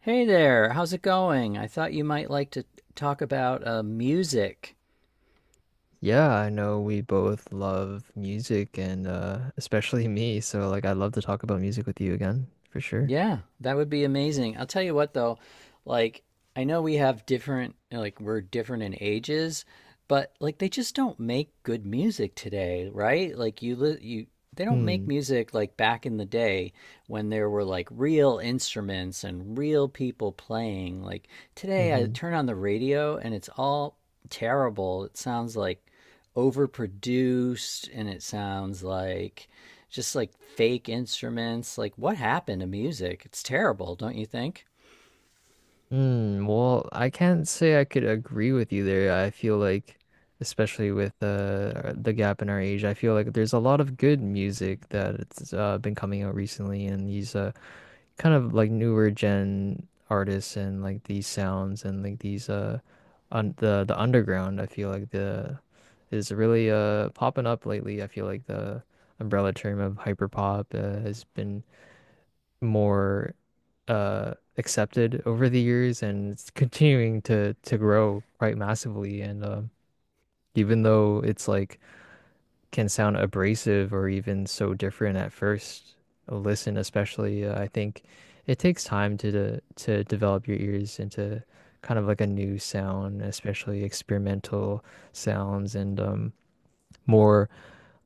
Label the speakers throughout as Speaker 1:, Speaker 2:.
Speaker 1: Hey there, how's it going? I thought you might like to talk about music.
Speaker 2: Yeah, I know we both love music and especially me, so like I'd love to talk about music with you again, for sure.
Speaker 1: Yeah, that would be amazing. I'll tell you what though, like I know we have different we're different in ages, but like they just don't make good music today, right? Like you li you they don't make
Speaker 2: Hmm.
Speaker 1: music like back in the day when there were like real instruments and real people playing. Like today I
Speaker 2: Mm-hmm.
Speaker 1: turn on the radio and it's all terrible. It sounds like overproduced and it sounds like just like fake instruments. Like, what happened to music? It's terrible, don't you think?
Speaker 2: Mm, well, I can't say I could agree with you there. I feel like especially with the gap in our age, I feel like there's a lot of good music that it's been coming out recently and these kind of like newer gen artists and like these sounds and like these on the underground I feel like the is really popping up lately. I feel like the umbrella term of hyperpop has been more accepted over the years and it's continuing to grow quite massively and even though it's like can sound abrasive or even so different at first listen, especially I think it takes time to develop your ears into kind of like a new sound, especially experimental sounds, and more,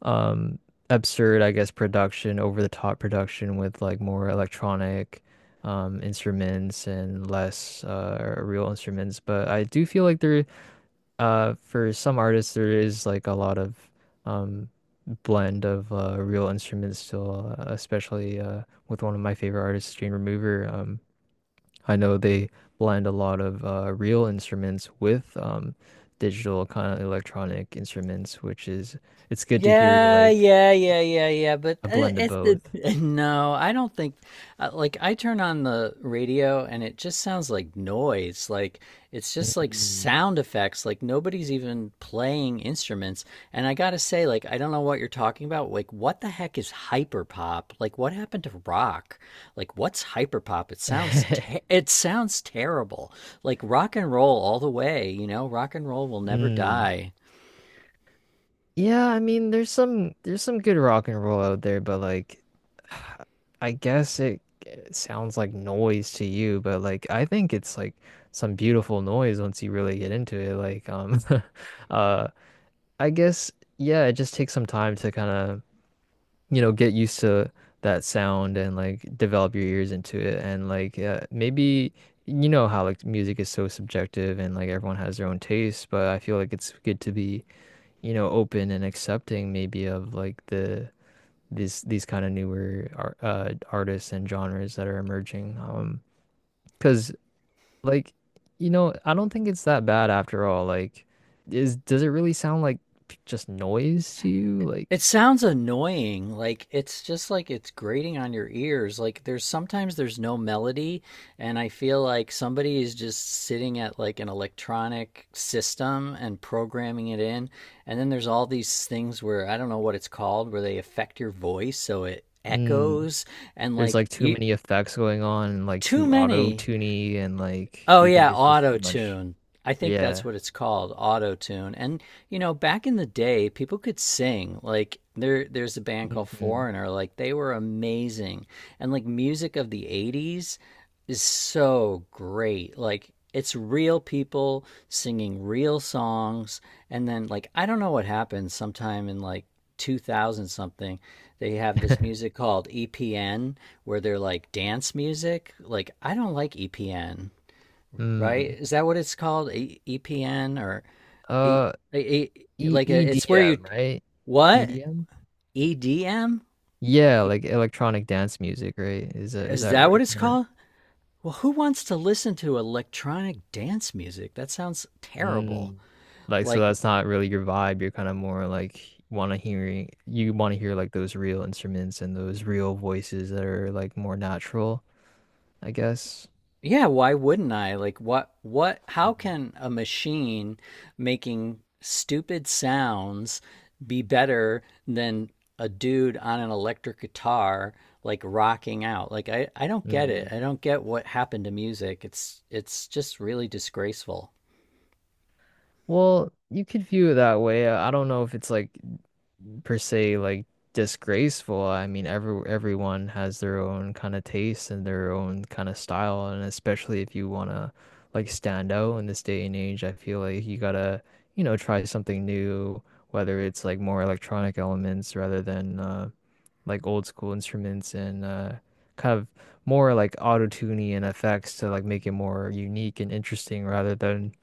Speaker 2: um absurd, I guess, production, over the top production with like more electronic instruments and less real instruments. But I do feel like there, for some artists, there is like a lot of, um, blend of real instruments still, especially with one of my favorite artists, Jane Remover. I know they blend a lot of real instruments with, digital kind of electronic instruments, which is it's good to hear
Speaker 1: Yeah,
Speaker 2: like
Speaker 1: yeah, yeah, yeah, yeah. But
Speaker 2: a blend of
Speaker 1: it's the
Speaker 2: both.
Speaker 1: no, I don't think like I turn on the radio and it just sounds like noise. Like it's just like
Speaker 2: Mm.
Speaker 1: sound effects. Like nobody's even playing instruments. And I gotta say, like I don't know what you're talking about. Like what the heck is hyperpop? Like what happened to rock? Like what's hyperpop? It sounds te it sounds terrible. Like rock and roll all the way. You know, rock and roll will never
Speaker 2: Mm.
Speaker 1: die.
Speaker 2: Yeah, I mean, there's some good rock and roll out there, but like, I guess it, it sounds like noise to you, but like, I think it's like some beautiful noise once you really get into it. Like, uh, I guess yeah, it just takes some time to kind of, you know, get used to that sound and like develop your ears into it, and like, maybe you know how like music is so subjective and like everyone has their own taste, but I feel like it's good to be, you know, open and accepting maybe of like the these kind of newer artists and genres that are emerging. Because like, you know, I don't think it's that bad after all. Like, is does it really sound like just noise to you?
Speaker 1: It
Speaker 2: Like,
Speaker 1: sounds annoying. Like it's just like it's grating on your ears. Like there's sometimes there's no melody and I feel like somebody is just sitting at like an electronic system and programming it in. And then there's all these things where I don't know what it's called where they affect your voice so it
Speaker 2: mm,
Speaker 1: echoes and
Speaker 2: there's
Speaker 1: like
Speaker 2: like too
Speaker 1: you
Speaker 2: many effects going on and like
Speaker 1: too
Speaker 2: too
Speaker 1: many.
Speaker 2: auto-tuney and like,
Speaker 1: Oh
Speaker 2: do you think
Speaker 1: yeah,
Speaker 2: it's just too
Speaker 1: auto
Speaker 2: much?
Speaker 1: tune. I think that's
Speaker 2: Yeah.
Speaker 1: what it's called, auto tune. And you know, back in the day, people could sing. Like there's a band called
Speaker 2: Hmm.
Speaker 1: Foreigner. Like they were amazing. And like music of the '80s is so great. Like it's real people singing real songs. And then like I don't know what happened. Sometime in like 2000 something, they have this music called EPN, where they're like dance music. Like I don't like EPN, right?
Speaker 2: Mm.
Speaker 1: Is that what it's called? EPN or e-
Speaker 2: Uh,
Speaker 1: e- e-
Speaker 2: E
Speaker 1: like it's where you
Speaker 2: EDM, right?
Speaker 1: what.
Speaker 2: EDM?
Speaker 1: EDM?
Speaker 2: Yeah, like electronic dance music, right? Is
Speaker 1: Is
Speaker 2: that
Speaker 1: that
Speaker 2: where
Speaker 1: what
Speaker 2: you
Speaker 1: it's
Speaker 2: kind of
Speaker 1: called? Well, who wants to listen to electronic dance music? That sounds terrible.
Speaker 2: mm. Like, so
Speaker 1: Like
Speaker 2: that's not really your vibe. You're kind of more like want to hearing you want to hear like those real instruments and those real voices that are like more natural, I guess.
Speaker 1: yeah, why wouldn't I? Like what how
Speaker 2: Mhm.
Speaker 1: can a machine making stupid sounds be better than a dude on an electric guitar like rocking out? Like I don't get it.
Speaker 2: Mm.
Speaker 1: I don't get what happened to music. It's just really disgraceful.
Speaker 2: Well, you could view it that way. I don't know if it's like per se like disgraceful. I mean, everyone has their own kind of taste and their own kind of style, and especially if you want to like stand out in this day and age, I feel like you gotta, you know, try something new, whether it's like more electronic elements rather than like old school instruments and kind of more like auto-tuning and effects to like make it more unique and interesting rather than,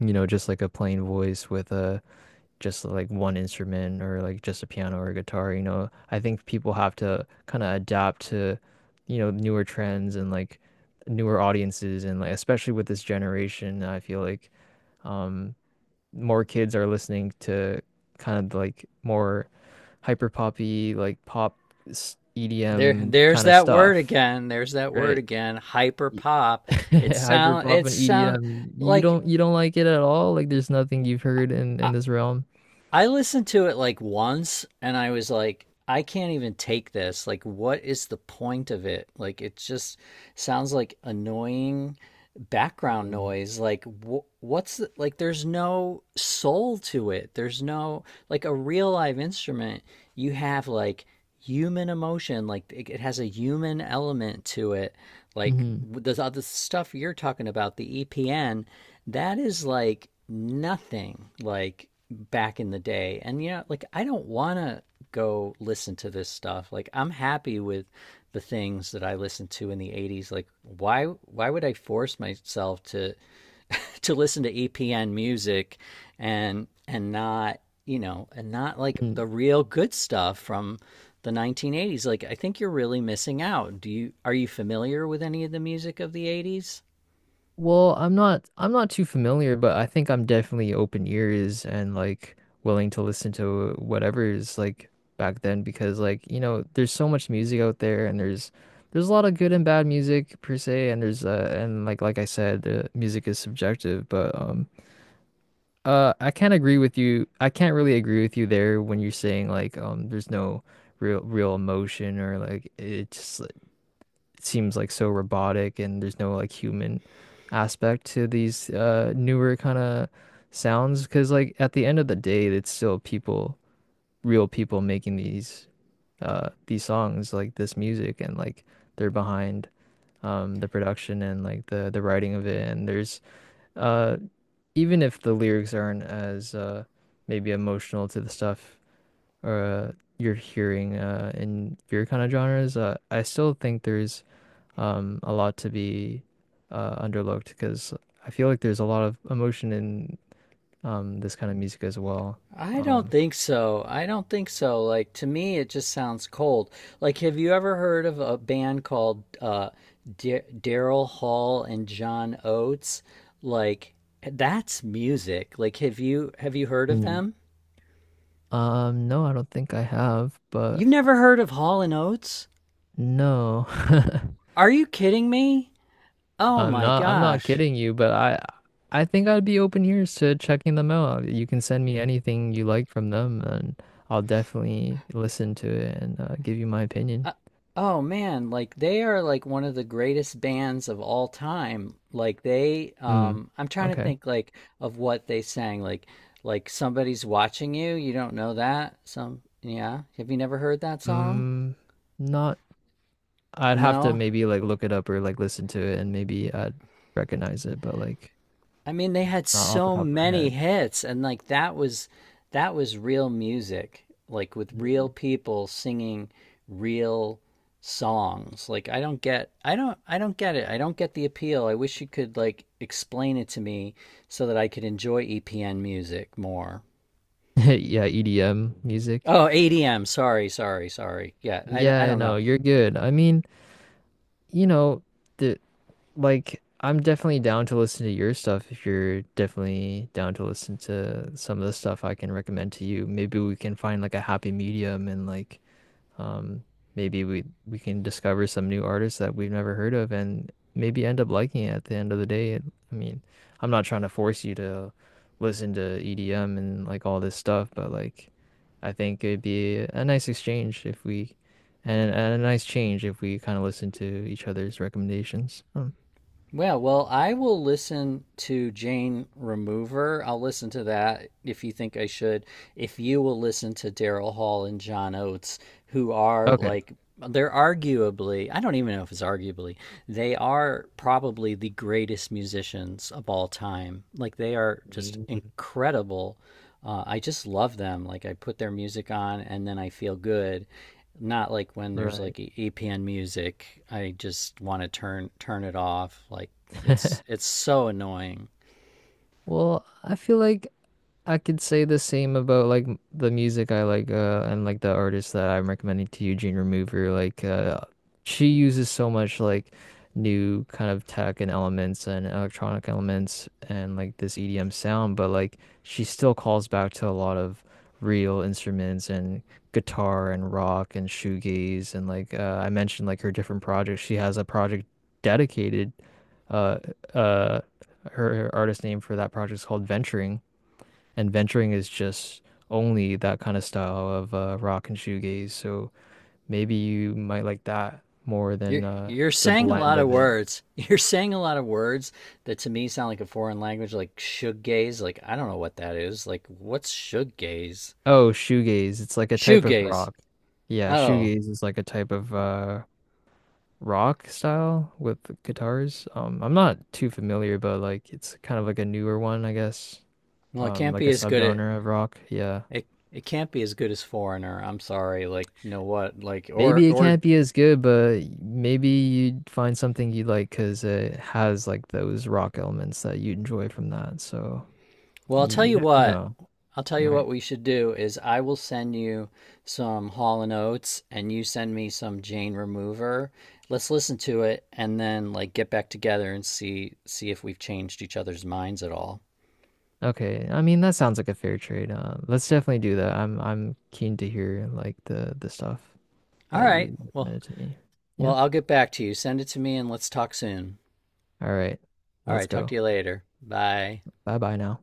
Speaker 2: you know, just like a plain voice with a, just like one instrument or like just a piano or a guitar, you know. I think people have to kind of adapt to, you know, newer trends and like newer audiences and like especially with this generation, I feel like um more kids are listening to kind of like more hyper poppy like pop
Speaker 1: There
Speaker 2: EDM
Speaker 1: there's
Speaker 2: kind of
Speaker 1: that word
Speaker 2: stuff,
Speaker 1: again. There's that word
Speaker 2: right?
Speaker 1: again. Hyper
Speaker 2: Y-
Speaker 1: pop.
Speaker 2: Hyper pop
Speaker 1: It
Speaker 2: and
Speaker 1: sound
Speaker 2: EDM. You
Speaker 1: like
Speaker 2: don't you don't like it at all? Like there's nothing you've heard
Speaker 1: I
Speaker 2: in this realm.
Speaker 1: I listened to it like once and I was like, I can't even take this. Like, what is the point of it? Like, it just sounds like annoying background
Speaker 2: Mm-hmm.
Speaker 1: noise. Like, what's the, like, there's no soul to it. There's no, like, a real live instrument, you have like human emotion. Like, it has a human element to it like
Speaker 2: Mm-hmm.
Speaker 1: there's all this stuff you're talking about the EPN that is like nothing like back in the day. And you know, like I don't want to go listen to this stuff. Like I'm happy with the things that I listened to in the '80s. Like why would I force myself to to listen to EPN music and not, you know, and not like the real good stuff from the 1980s. Like I think you're really missing out. Do you Are you familiar with any of the music of the '80s?
Speaker 2: Well, I'm not too familiar, but I think I'm definitely open ears and like willing to listen to whatever is like back then because like, you know, there's so much music out there and there's a lot of good and bad music per se and there's and like I said, music is subjective, but I can't agree with you. I can't really agree with you there when you're saying like, there's no real emotion or like it's it seems like so robotic and there's no like human aspect to these newer kind of sounds because like at the end of the day it's still people, real people making these songs, like this music, and like they're behind, the production and like the writing of it, and there's uh even if the lyrics aren't as maybe emotional to the stuff or, you're hearing in your kind of genres, I still think there's, a lot to be, underlooked because I feel like there's a lot of emotion in, this kind of music as well. Um,
Speaker 1: I don't think so. Like to me it just sounds cold. Like have you ever heard of a band called Daryl Hall and John Oates? Like that's music. Like have you heard of
Speaker 2: Mm.
Speaker 1: them?
Speaker 2: No, I don't think I have, but
Speaker 1: You've never heard of Hall and Oates?
Speaker 2: no,
Speaker 1: Are you kidding me? Oh
Speaker 2: I'm
Speaker 1: my
Speaker 2: not. I'm not
Speaker 1: gosh.
Speaker 2: kidding you, but I think I'd be open ears to checking them out. You can send me anything you like from them, and I'll definitely listen to it and, give you my opinion.
Speaker 1: Uh, oh man, like they are like one of the greatest bands of all time. Like they
Speaker 2: Hmm.
Speaker 1: I'm trying to
Speaker 2: Okay.
Speaker 1: think like of what they sang like somebody's watching you. You don't know that? Some yeah. Have you never heard that song?
Speaker 2: Hmm. Not, I'd have to
Speaker 1: No.
Speaker 2: maybe like look it up or like listen to it and maybe I'd recognize it, but like
Speaker 1: I mean, they had
Speaker 2: not off the
Speaker 1: so
Speaker 2: top of my
Speaker 1: many
Speaker 2: head.
Speaker 1: hits, and like that was real music, like with real
Speaker 2: Mm.
Speaker 1: people singing real songs. Like I don't get it. I don't get the appeal. I wish you could like explain it to me so that I could enjoy EPN music more.
Speaker 2: Yeah, EDM music.
Speaker 1: Oh, ADM. Sorry, sorry, sorry. Yeah, I
Speaker 2: Yeah,
Speaker 1: don't know.
Speaker 2: no, you're good. I mean, you know, the, like I'm definitely down to listen to your stuff if you're definitely down to listen to some of the stuff I can recommend to you. Maybe we can find like a happy medium and like, Um, maybe we can discover some new artists that we've never heard of and maybe end up liking it at the end of the day. It, I mean, I'm not trying to force you to listen to EDM and like all this stuff, but like I think it'd be a nice exchange if we and a nice change if we kind of listen to each other's recommendations. Hmm.
Speaker 1: Yeah, well, I will listen to Jane Remover. I'll listen to that if you think I should. If you will listen to Daryl Hall and John Oates, who are
Speaker 2: Okay.
Speaker 1: like, they're arguably, I don't even know if it's arguably, they are probably the greatest musicians of all time. Like, they are just
Speaker 2: Mm.
Speaker 1: incredible. I just love them. Like, I put their music on and then I feel good not like when there's
Speaker 2: Right.
Speaker 1: like EPN music. I just want to turn it off. Like it's so annoying.
Speaker 2: Well, I feel like I could say the same about like the music I like and like the artist that I'm recommending to you, Jane Remover. Like she uses so much like new kind of tech and elements and electronic elements and like this EDM sound, but like she still calls back to a lot of real instruments and guitar and rock and shoegaze and like, I mentioned like her different projects. She has a project dedicated uh uh her artist name for that project is called Venturing, and venturing is just only that kind of style of rock and shoegaze. So maybe you might like that more
Speaker 1: You're
Speaker 2: than,
Speaker 1: you're
Speaker 2: the
Speaker 1: saying a
Speaker 2: blend
Speaker 1: lot of
Speaker 2: of it.
Speaker 1: words. You're saying a lot of words that to me sound like a foreign language, like shoegaze. Like I don't know what that is. Like what's shoegaze?
Speaker 2: Oh, shoegaze. It's like a type of
Speaker 1: Shoegaze.
Speaker 2: rock. Yeah,
Speaker 1: Oh,
Speaker 2: shoegaze is like a type of, rock style with guitars. I'm not too familiar, but like it's kind of like a newer one, I guess.
Speaker 1: well, it can't
Speaker 2: Like a
Speaker 1: be as good at
Speaker 2: subgenre of rock. Yeah.
Speaker 1: it. It can't be as good as Foreigner. I'm sorry. Like, you know what? Like,
Speaker 2: Maybe it
Speaker 1: or
Speaker 2: can't be as good, but maybe you'd find something you like because it has like those rock elements that you enjoy from that. So
Speaker 1: well, I'll
Speaker 2: you
Speaker 1: tell
Speaker 2: you
Speaker 1: you
Speaker 2: never
Speaker 1: what.
Speaker 2: know,
Speaker 1: I'll tell you
Speaker 2: right?
Speaker 1: what we should do is I will send you some Hall and Oates and you send me some Jane Remover. Let's listen to it and then like get back together and see if we've changed each other's minds at all.
Speaker 2: Okay, I mean that sounds like a fair trade. Let's definitely do that. I'm keen to hear like the stuff
Speaker 1: All
Speaker 2: that
Speaker 1: right.
Speaker 2: you recommended to me.
Speaker 1: Well,
Speaker 2: Yeah.
Speaker 1: I'll get back to you. Send it to me and let's talk soon.
Speaker 2: All right,
Speaker 1: All
Speaker 2: let's
Speaker 1: right, talk to
Speaker 2: go.
Speaker 1: you later. Bye.
Speaker 2: Bye bye now.